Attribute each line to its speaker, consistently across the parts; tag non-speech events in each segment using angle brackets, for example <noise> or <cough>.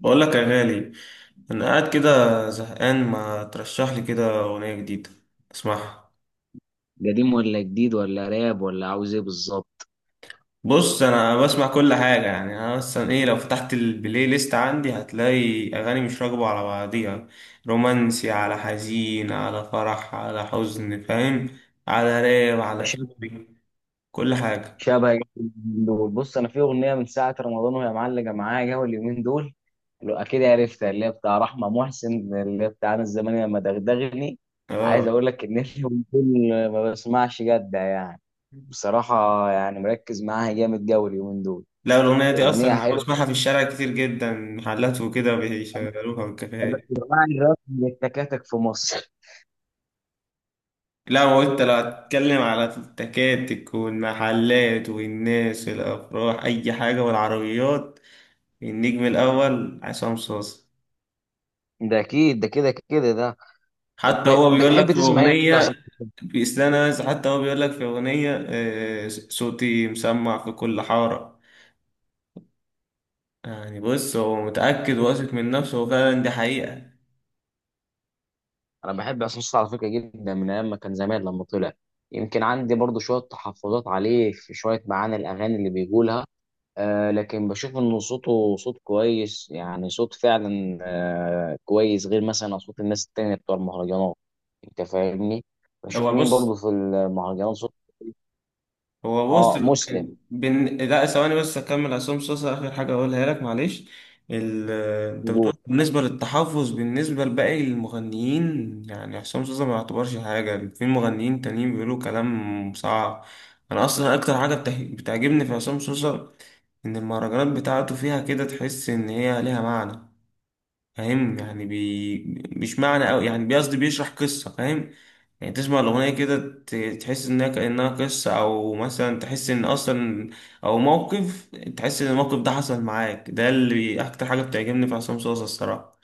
Speaker 1: بقول لك يا غالي، انا قاعد كده زهقان، ما ترشح لي كده اغنيه جديده اسمعها.
Speaker 2: قديم ولا جديد ولا راب ولا عاوز ايه بالظبط؟
Speaker 1: بص، انا بسمع كل حاجه، يعني انا مثلا ايه، لو فتحت البلاي ليست عندي هتلاقي اغاني مش راكبه على بعضيها. رومانسي على حزين على فرح على حزن، فاهم؟ على راب على
Speaker 2: شبه
Speaker 1: شعبي، كل حاجه.
Speaker 2: شبه اليومين دول. بص، انا في اغنيه من ساعه رمضان وهي معلقه معايا جو اليومين دول. لو اكيد عرفتها، اللي هي بتاع رحمه محسن، اللي هي بتاع انا الزمان لما دغدغني. عايز
Speaker 1: اه.
Speaker 2: اقول لك ان <laughs> اليومين دول ما بسمعش جد يعني، بصراحه. يعني مركز معاها جامد جو اليومين دول.
Speaker 1: لا الاغنيه دي اصلا
Speaker 2: اغنيه
Speaker 1: أنا
Speaker 2: حلوه.
Speaker 1: بسمعها في الشارع كتير جدا، محلات وكده بيشغلوها والكافيهات.
Speaker 2: جماعه الراب من التكاتك في مصر <laughs>
Speaker 1: لا هو انت لو هتتكلم على التكاتك والمحلات والناس والافراح اي حاجه والعربيات، النجم الاول عصام صاصا.
Speaker 2: ده اكيد، ده كده كده ده. طب
Speaker 1: حتى هو بيقول لك
Speaker 2: بتحب
Speaker 1: في
Speaker 2: تسمع ايه
Speaker 1: اغنيه
Speaker 2: اصلا؟
Speaker 1: بيسلانا، حتى هو بيقول لك في اغنيه آه، صوتي مسمع في كل حاره. يعني بص هو متاكد واثق من نفسه، وفعلا دي حقيقه.
Speaker 2: انا بحب عصام صاصا على فكره جدا، من ايام ما كان زمان لما طلع. يمكن عندي برضو شويه تحفظات عليه في شويه معاني الاغاني اللي بيقولها، آه، لكن بشوف انه صوته صوت كويس، يعني صوت فعلا آه كويس، غير مثلا اصوات الناس التانية بتوع المهرجانات. انت فاهمني. بشوف
Speaker 1: هو
Speaker 2: مين برضو
Speaker 1: بص،
Speaker 2: في المهرجانات صوت.
Speaker 1: هو بص
Speaker 2: اه، مسلم.
Speaker 1: لا ثواني بس اكمل، عصام صاصا اخر حاجه اقولها لك معلش. ال... انت بتقول بالنسبه للتحفظ، بالنسبه لباقي المغنيين يعني عصام صاصا ما يعتبرش حاجه، في مغنيين تانيين بيقولوا كلام صعب. انا اصلا اكتر حاجه بتعجبني في عصام صاصا، ان المهرجانات بتاعته فيها كده تحس ان هي ليها معنى، فاهم؟ يعني بي مش معنى أوي، يعني بيقصد بيشرح قصة، فاهم؟ يعني تسمع الأغنية كده، تحس إنها كأنها قصة، أو مثلا تحس إن أصلا، أو موقف، تحس إن الموقف ده حصل معاك، ده اللي أكتر حاجة بتعجبني في عصام صوصة الصراحة.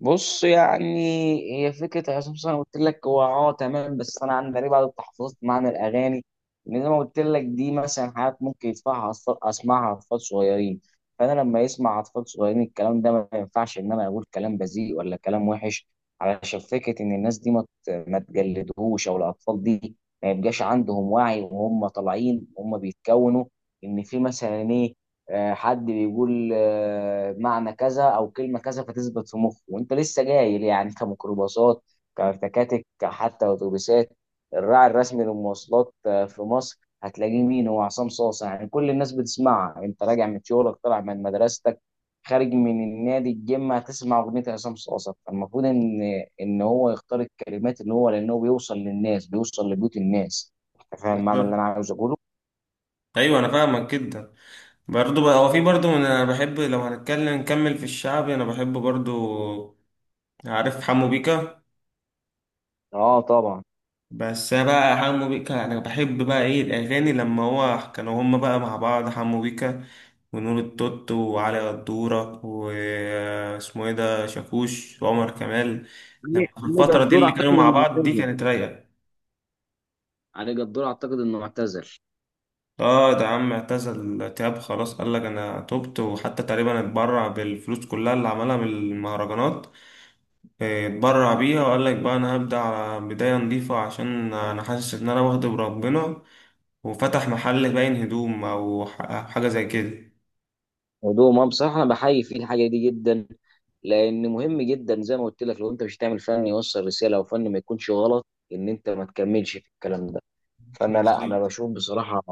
Speaker 2: بص، يعني هي فكره عصام صاصا انا قلت لك، هو اه تمام، بس انا عندي غريب بعد التحفظت معنى الاغاني، لان زي ما قلت لك دي مثلا حاجات ممكن اسمعها اطفال صغيرين. فانا لما يسمع اطفال صغيرين الكلام ده، ما ينفعش ان انا اقول كلام بذيء ولا كلام وحش، علشان فكره ان الناس دي ما تجلدهوش، او الاطفال دي ما يبقاش عندهم وعي وهم طالعين وهم بيتكونوا. ان في مثلا إيه، آه، حد بيقول آه، معنى كذا او كلمه كذا، فتثبت في مخه وانت لسه جاي ليه؟ يعني كميكروباصات، كتكاتك، حتى اتوبيسات. الراعي الرسمي للمواصلات آه، في مصر، هتلاقيه مين؟ هو عصام صاصا. يعني كل الناس بتسمعها، انت راجع من شغلك، طالع من مدرستك، خارج من النادي الجيم، هتسمع اغنيه عصام صاصا. فالمفروض ان ان هو يختار الكلمات اللي هو، لانه بيوصل للناس، بيوصل لبيوت الناس. انت فاهم المعنى اللي انا
Speaker 1: بالظبط.
Speaker 2: عاوز اقوله.
Speaker 1: أيوة أنا فاهمك جدا. برضه بقى هو في برضه، أنا بحب لو هنتكلم نكمل في الشعب، أنا بحب برضه. عارف حمو بيكا؟
Speaker 2: اه طبعا.
Speaker 1: بس أنا بقى حمو بيكا انا بحب بقى، ايه الاغاني لما هو كانوا هما بقى مع بعض، حمو بيكا ونور التوت وعلي قدورة واسمه ايه ده شاكوش وعمر كمال. لما
Speaker 2: علي
Speaker 1: الفترة دي
Speaker 2: جدور
Speaker 1: اللي كانوا
Speaker 2: اعتقد
Speaker 1: مع
Speaker 2: انه
Speaker 1: بعض دي
Speaker 2: اعتزل.
Speaker 1: كانت رايقة.
Speaker 2: علي جدور اعتقد انه اعتزل.
Speaker 1: اه، ده عم اعتزل تياب خلاص، قال لك انا تبت، وحتى تقريبا اتبرع بالفلوس كلها اللي عملها من المهرجانات. آه، اتبرع بيها، وقال لك بقى انا هبدأ على بداية نظيفة، عشان انا حاسس ان انا واخد بربنا، وفتح محل باين هدوم او أو حاجه زي كده.
Speaker 2: ودوه ما بصراحه انا بحيي فيه الحاجه دي جدا، لان مهم جدا زي ما قلت لك، لو انت مش هتعمل فن يوصل رساله، او فن، ما يكونش غلط، ان انت ما تكملش في الكلام ده. فانا، لا انا
Speaker 1: بالظبط.
Speaker 2: بشوف بصراحه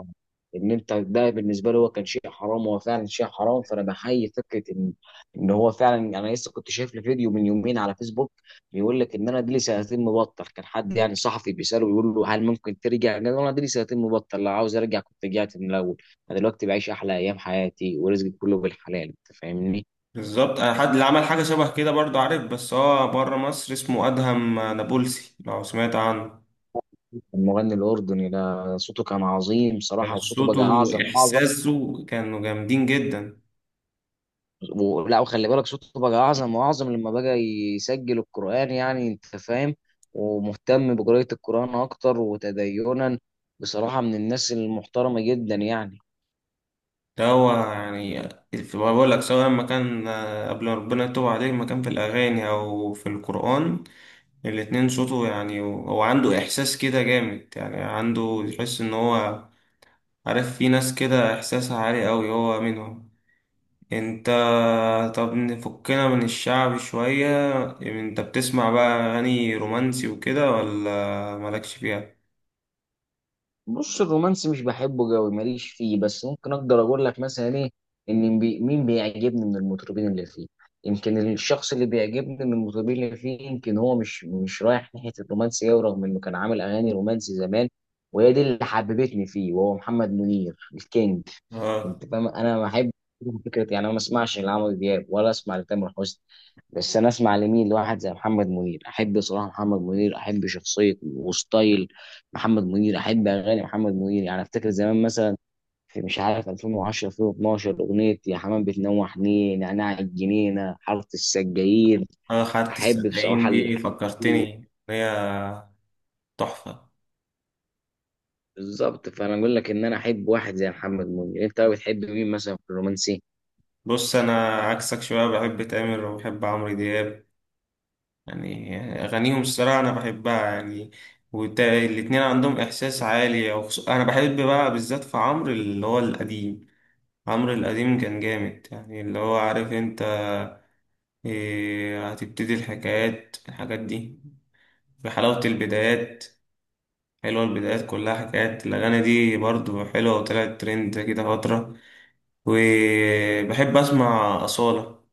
Speaker 2: ان انت ده بالنسبه لي هو كان شيء حرام، هو فعلا شيء حرام. فانا بحيي فكره ان ان هو فعلا. انا لسه كنت شايف له فيديو من يومين على فيسبوك، بيقول لك ان انا دي لي سنتين مبطل. كان حد يعني صحفي بيساله، بيقول له هل ممكن ترجع؟ قال له انا دي لي سنتين مبطل، لو عاوز ارجع كنت رجعت من الاول. انا دلوقتي بعيش احلى ايام حياتي ورزقي كله بالحلال. انت فاهمني.
Speaker 1: بالظبط آه، حد اللي عمل حاجه شبه كده برضه، عارف؟ بس هو بره مصر، اسمه ادهم نابلسي، لو سمعت عنه.
Speaker 2: المغني الاردني ده صوته كان عظيم
Speaker 1: كان
Speaker 2: صراحه، وصوته
Speaker 1: صوته
Speaker 2: بقى اعظم اعظم.
Speaker 1: واحساسه كانوا جامدين جدا.
Speaker 2: لا وخلي بالك صوته بقى اعظم واعظم لما بقى يسجل القرآن. يعني انت فاهم، ومهتم بقراءة القرآن اكتر وتدينا، بصراحة من الناس المحترمة جدا يعني.
Speaker 1: ده هو يعني، بقول لك سواء لما كان آه، قبل ما ربنا يتوب عليه، لما كان في الاغاني او في القران، الاتنين صوته يعني هو عنده احساس كده جامد، يعني عنده يحس ان هو، عارف في ناس كده احساسها عالي قوي، هو منهم. انت. طب نفكنا من الشعب شوية، انت بتسمع بقى اغاني رومانسي وكده ولا مالكش فيها؟
Speaker 2: بص، الرومانسي مش بحبه قوي، ماليش فيه، بس ممكن اقدر اقول لك مثلا ايه، ان بي مين بيعجبني من المطربين اللي فيه. يمكن الشخص اللي بيعجبني من المطربين اللي فيه، يمكن هو مش رايح ناحية الرومانسي قوي، رغم انه كان عامل اغاني رومانسي زمان، وهي دي اللي حببتني فيه، وهو محمد منير الكينج.
Speaker 1: اه،
Speaker 2: انت فاهم. انا ما احب فكره يعني انا ما اسمعش لعمرو دياب ولا اسمع لتامر حسني، بس انا اسمع لمين؟ لواحد زي محمد منير. احب صراحه محمد منير، احب شخصيه وستايل محمد منير، احب اغاني محمد منير. يعني افتكر زمان مثلا في مش عارف 2010، 2012، اغنيه يا حمام بتنوح نيه، نعناع الجنينه، حاره السجاير.
Speaker 1: انا خدت
Speaker 2: احب
Speaker 1: السقايين
Speaker 2: بصراحه
Speaker 1: دي،
Speaker 2: الح-
Speaker 1: فكرتني هي تحفة.
Speaker 2: بالظبط. فانا اقول لك ان انا احب واحد زي محمد منير. انت بتحب مين مثلا في الرومانسي؟
Speaker 1: بص انا عكسك شوية، بحب تامر وبحب عمرو دياب، يعني اغانيهم الصراحة انا بحبها يعني. والاتنين عندهم احساس عالي، انا بحب بقى بالذات في عمرو اللي هو القديم. عمرو القديم كان جامد، يعني اللي هو عارف انت، إيه، هتبتدي الحكايات الحاجات دي، في حلاوة البدايات، حلوة البدايات كلها حكايات، الأغاني دي برضو حلوة وطلعت ترند كده فترة. وبحب أسمع أصالة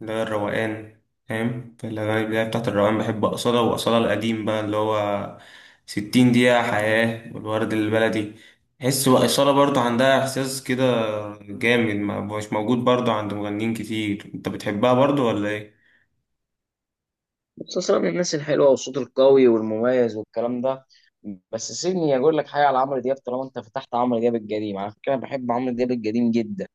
Speaker 1: اللي هي الروقان، فاهم؟ في الأغاني البداية بتاعت الروقان، بحب أصالة، وأصالة القديم بقى اللي هو 60 دقيقة حياة والورد البلدي. تحس بقى أصالة برضو عندها إحساس كده جامد، مش موجود برضو عند مغنيين كتير. أنت بتحبها برضو ولا إيه؟
Speaker 2: مسلسلات من الناس الحلوه، وصوته القوي والمميز والكلام ده. بس سيبني اقول لك حاجه على عمرو دياب، طالما انت فتحت عمرو دياب القديم. على فكره انا بحب عمرو دياب القديم جدا.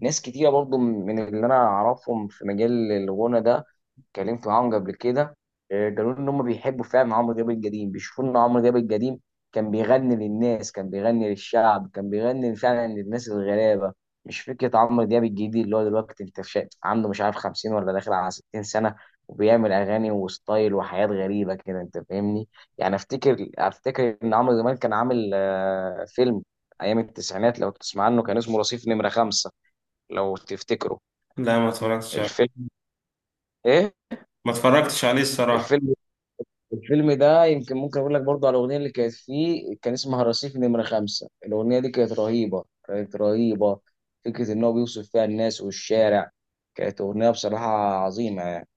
Speaker 2: ناس كتيره برضو من اللي انا اعرفهم في مجال الغنى ده اتكلمت معاهم قبل كده، آه، قالوا لي ان هم بيحبوا فعلا عمرو دياب القديم، بيشوفوا ان عمرو دياب القديم كان بيغني للناس، كان بيغني للشعب، كان بيغني فعلا للناس الغلابه. مش فكره عمرو دياب الجديد اللي هو دلوقتي، انت عنده مش عارف 50 ولا داخل على 60 سنه، وبيعمل اغاني وستايل وحياه غريبه كده. انت فاهمني. يعني افتكر ان عمرو زمان كان عامل آه، فيلم ايام التسعينات، لو تسمع عنه، كان اسمه رصيف نمره خمسة. لو تفتكروا
Speaker 1: لا، ما اتفرجتش.
Speaker 2: الفيلم. ايه؟
Speaker 1: ما اتفرجتش عليه الصراحة.
Speaker 2: الفيلم، الفيلم ده يمكن ممكن اقول لك برضه على الاغنيه اللي كانت فيه، كان اسمها رصيف نمره خمسة. الاغنيه دي كانت رهيبه كانت رهيبه. فكره ان هو بيوصف فيها الناس والشارع. كانت اغنيه بصراحه عظيمه يعني.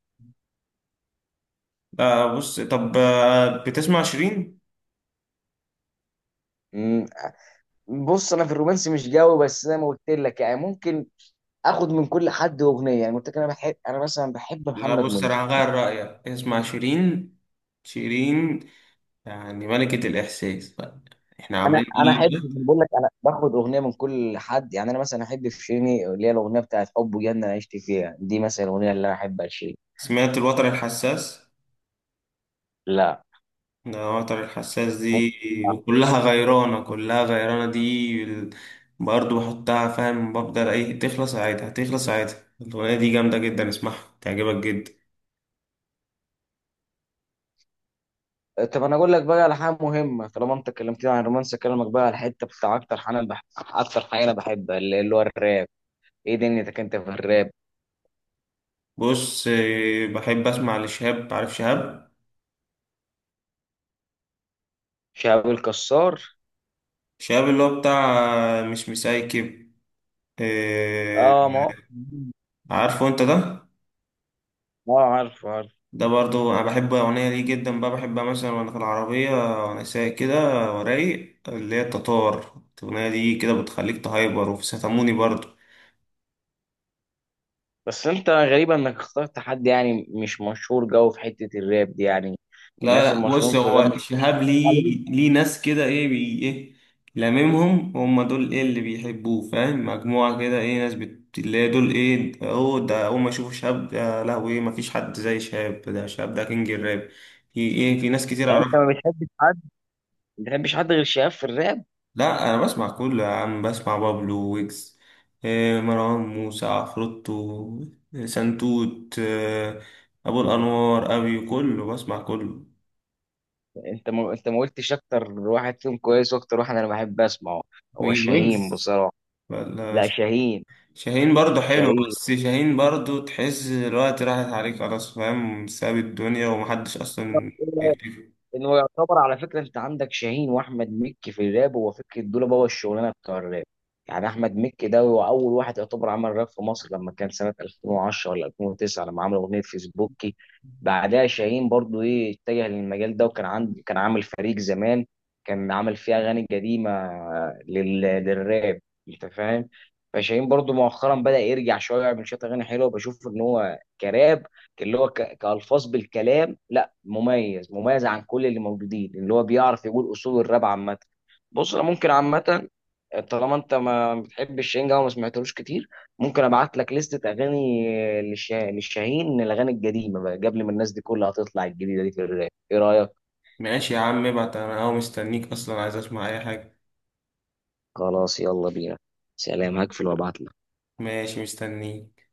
Speaker 1: لا بص طب آه، بتسمع شيرين؟
Speaker 2: أمم، بص، انا في الرومانسي مش قوي، بس زي ما قلت لك يعني ممكن اخد من كل حد اغنيه. يعني قلت لك انا بحب انا مثلا بحب
Speaker 1: لا
Speaker 2: محمد
Speaker 1: بص
Speaker 2: منير.
Speaker 1: انا هغير رأيك، اسمع شيرين. شيرين يعني ملكة الإحساس بقى، احنا
Speaker 2: انا
Speaker 1: عاملين كل
Speaker 2: انا احب،
Speaker 1: اللي فات.
Speaker 2: بقول لك انا باخد اغنيه من كل حد، يعني انا مثلا احب في شيرين اللي هي الاغنيه بتاعت حب وجنه، انا عشت فيها دي مثلا الاغنيه اللي انا احبها لشيرين.
Speaker 1: سمعت الوتر الحساس؟
Speaker 2: لا.
Speaker 1: ده الوتر الحساس دي، وكلها غيرانة، كلها غيرانة، برضه بحطها، فاهم، بفضل ايه تخلص عادي، هتخلص عادي. الأغنية دي جامدة جدا، اسمعها تعجبك جدا.
Speaker 2: طب انا اقول لك بقى على حاجه مهمه، طالما انت اتكلمتني عن الرومانس، اكلمك بقى على الحته بتاع اكتر حاجه انا اكتر حاجه انا بحبها، اللي هو الراب. ايه دنيتك انت في الراب؟
Speaker 1: بص آه، بحب اسمع لشهاب، عارف شهاب؟
Speaker 2: شهاب الكسار.
Speaker 1: شاب اللي هو بتاع مش مسايكب، آه،
Speaker 2: اه ما هو-
Speaker 1: عارفه انت ده.
Speaker 2: اه، عارف عارف.
Speaker 1: ده برضو انا بحب اغنيه ليه جدا بقى، بحبها مثلا وانا في العربيه وانا سايق كده ورايق، اللي هي التتار، الاغنيه دي كده بتخليك تهايبر، وفي ستاموني برضو.
Speaker 2: بس انت غريب انك اخترت حد يعني مش مشهور جو في حته الراب دي يعني.
Speaker 1: لا
Speaker 2: الناس
Speaker 1: لا بص،
Speaker 2: المشهورين في الراب
Speaker 1: هو
Speaker 2: مش
Speaker 1: شهاب ليه،
Speaker 2: بتعلم
Speaker 1: ليه ناس كده ايه بي ايه، لاممهم هم دول، ايه اللي بيحبوه، فاهم؟ مجموعة كده ايه ناس اللي هي دول ايه، اهو ده اول ما يشوفوا شهاب ده لهوي ايه، مفيش حد زي شهاب ده، شهاب ده كينج الراب. في ايه، في ناس كتير
Speaker 2: يعني؟ انت
Speaker 1: اعرفها.
Speaker 2: ما بتحبش حد، ما بتحبش حد غير شهاب في الراب؟
Speaker 1: لا انا بسمع كله يا عم، بسمع بابلو ويجز، إيه مروان موسى عفروتو سنتوت إيه، ابو الانوار ابي كله، بسمع كله.
Speaker 2: انت ما قلتش اكتر واحد فيهم كويس، واكتر واحد انا بحب اسمعه هو
Speaker 1: مين
Speaker 2: شاهين
Speaker 1: ويجز
Speaker 2: بصراحه.
Speaker 1: ولا
Speaker 2: لا شاهين.
Speaker 1: شاهين؟ برضو حلو،
Speaker 2: شاهين،
Speaker 1: بس شاهين برضو تحس الوقت راحت عليك خلاص، فاهم؟ ساب الدنيا ومحدش أصلا بيكتفي.
Speaker 2: انه يعتبر على فكره، انت عندك شاهين واحمد مكي في الراب، هو فكره دول بابا الشغلانه بتاع الراب. يعني احمد مكي ده هو اول واحد يعتبر عمل راب في مصر، لما كان سنه 2010 ولا 2009، لما عمل اغنيه فيسبوكي. بعدها شاهين برضو ايه اتجه للمجال ده، وكان عند، كان عامل فريق زمان، كان عامل فيه اغاني قديمه للراب. انت فاهم. فشاهين برضو مؤخرا بدا يرجع شويه، يعمل شويه اغاني حلوه. بشوف ان هو كراب، اللي هو كالفاظ بالكلام مميز، مميز عن كل اللي موجودين، اللي هو بيعرف يقول اصول الراب عامه. بص، انا ممكن عامه، طالما انت ما بتحبش شاهين وما سمعتلوش كتير، ممكن ابعت لك لستة اغاني للشاهين، الاغاني القديمه بقى قبل ما الناس دي كلها تطلع الجديده دي في الراب. ايه رايك؟
Speaker 1: ماشي يا عم ابعت، أنا أهو مستنيك أصلا، عايز أسمع أي حاجة.
Speaker 2: خلاص يلا بينا. سلام، هقفل وابعت.
Speaker 1: ماشي مستنيك.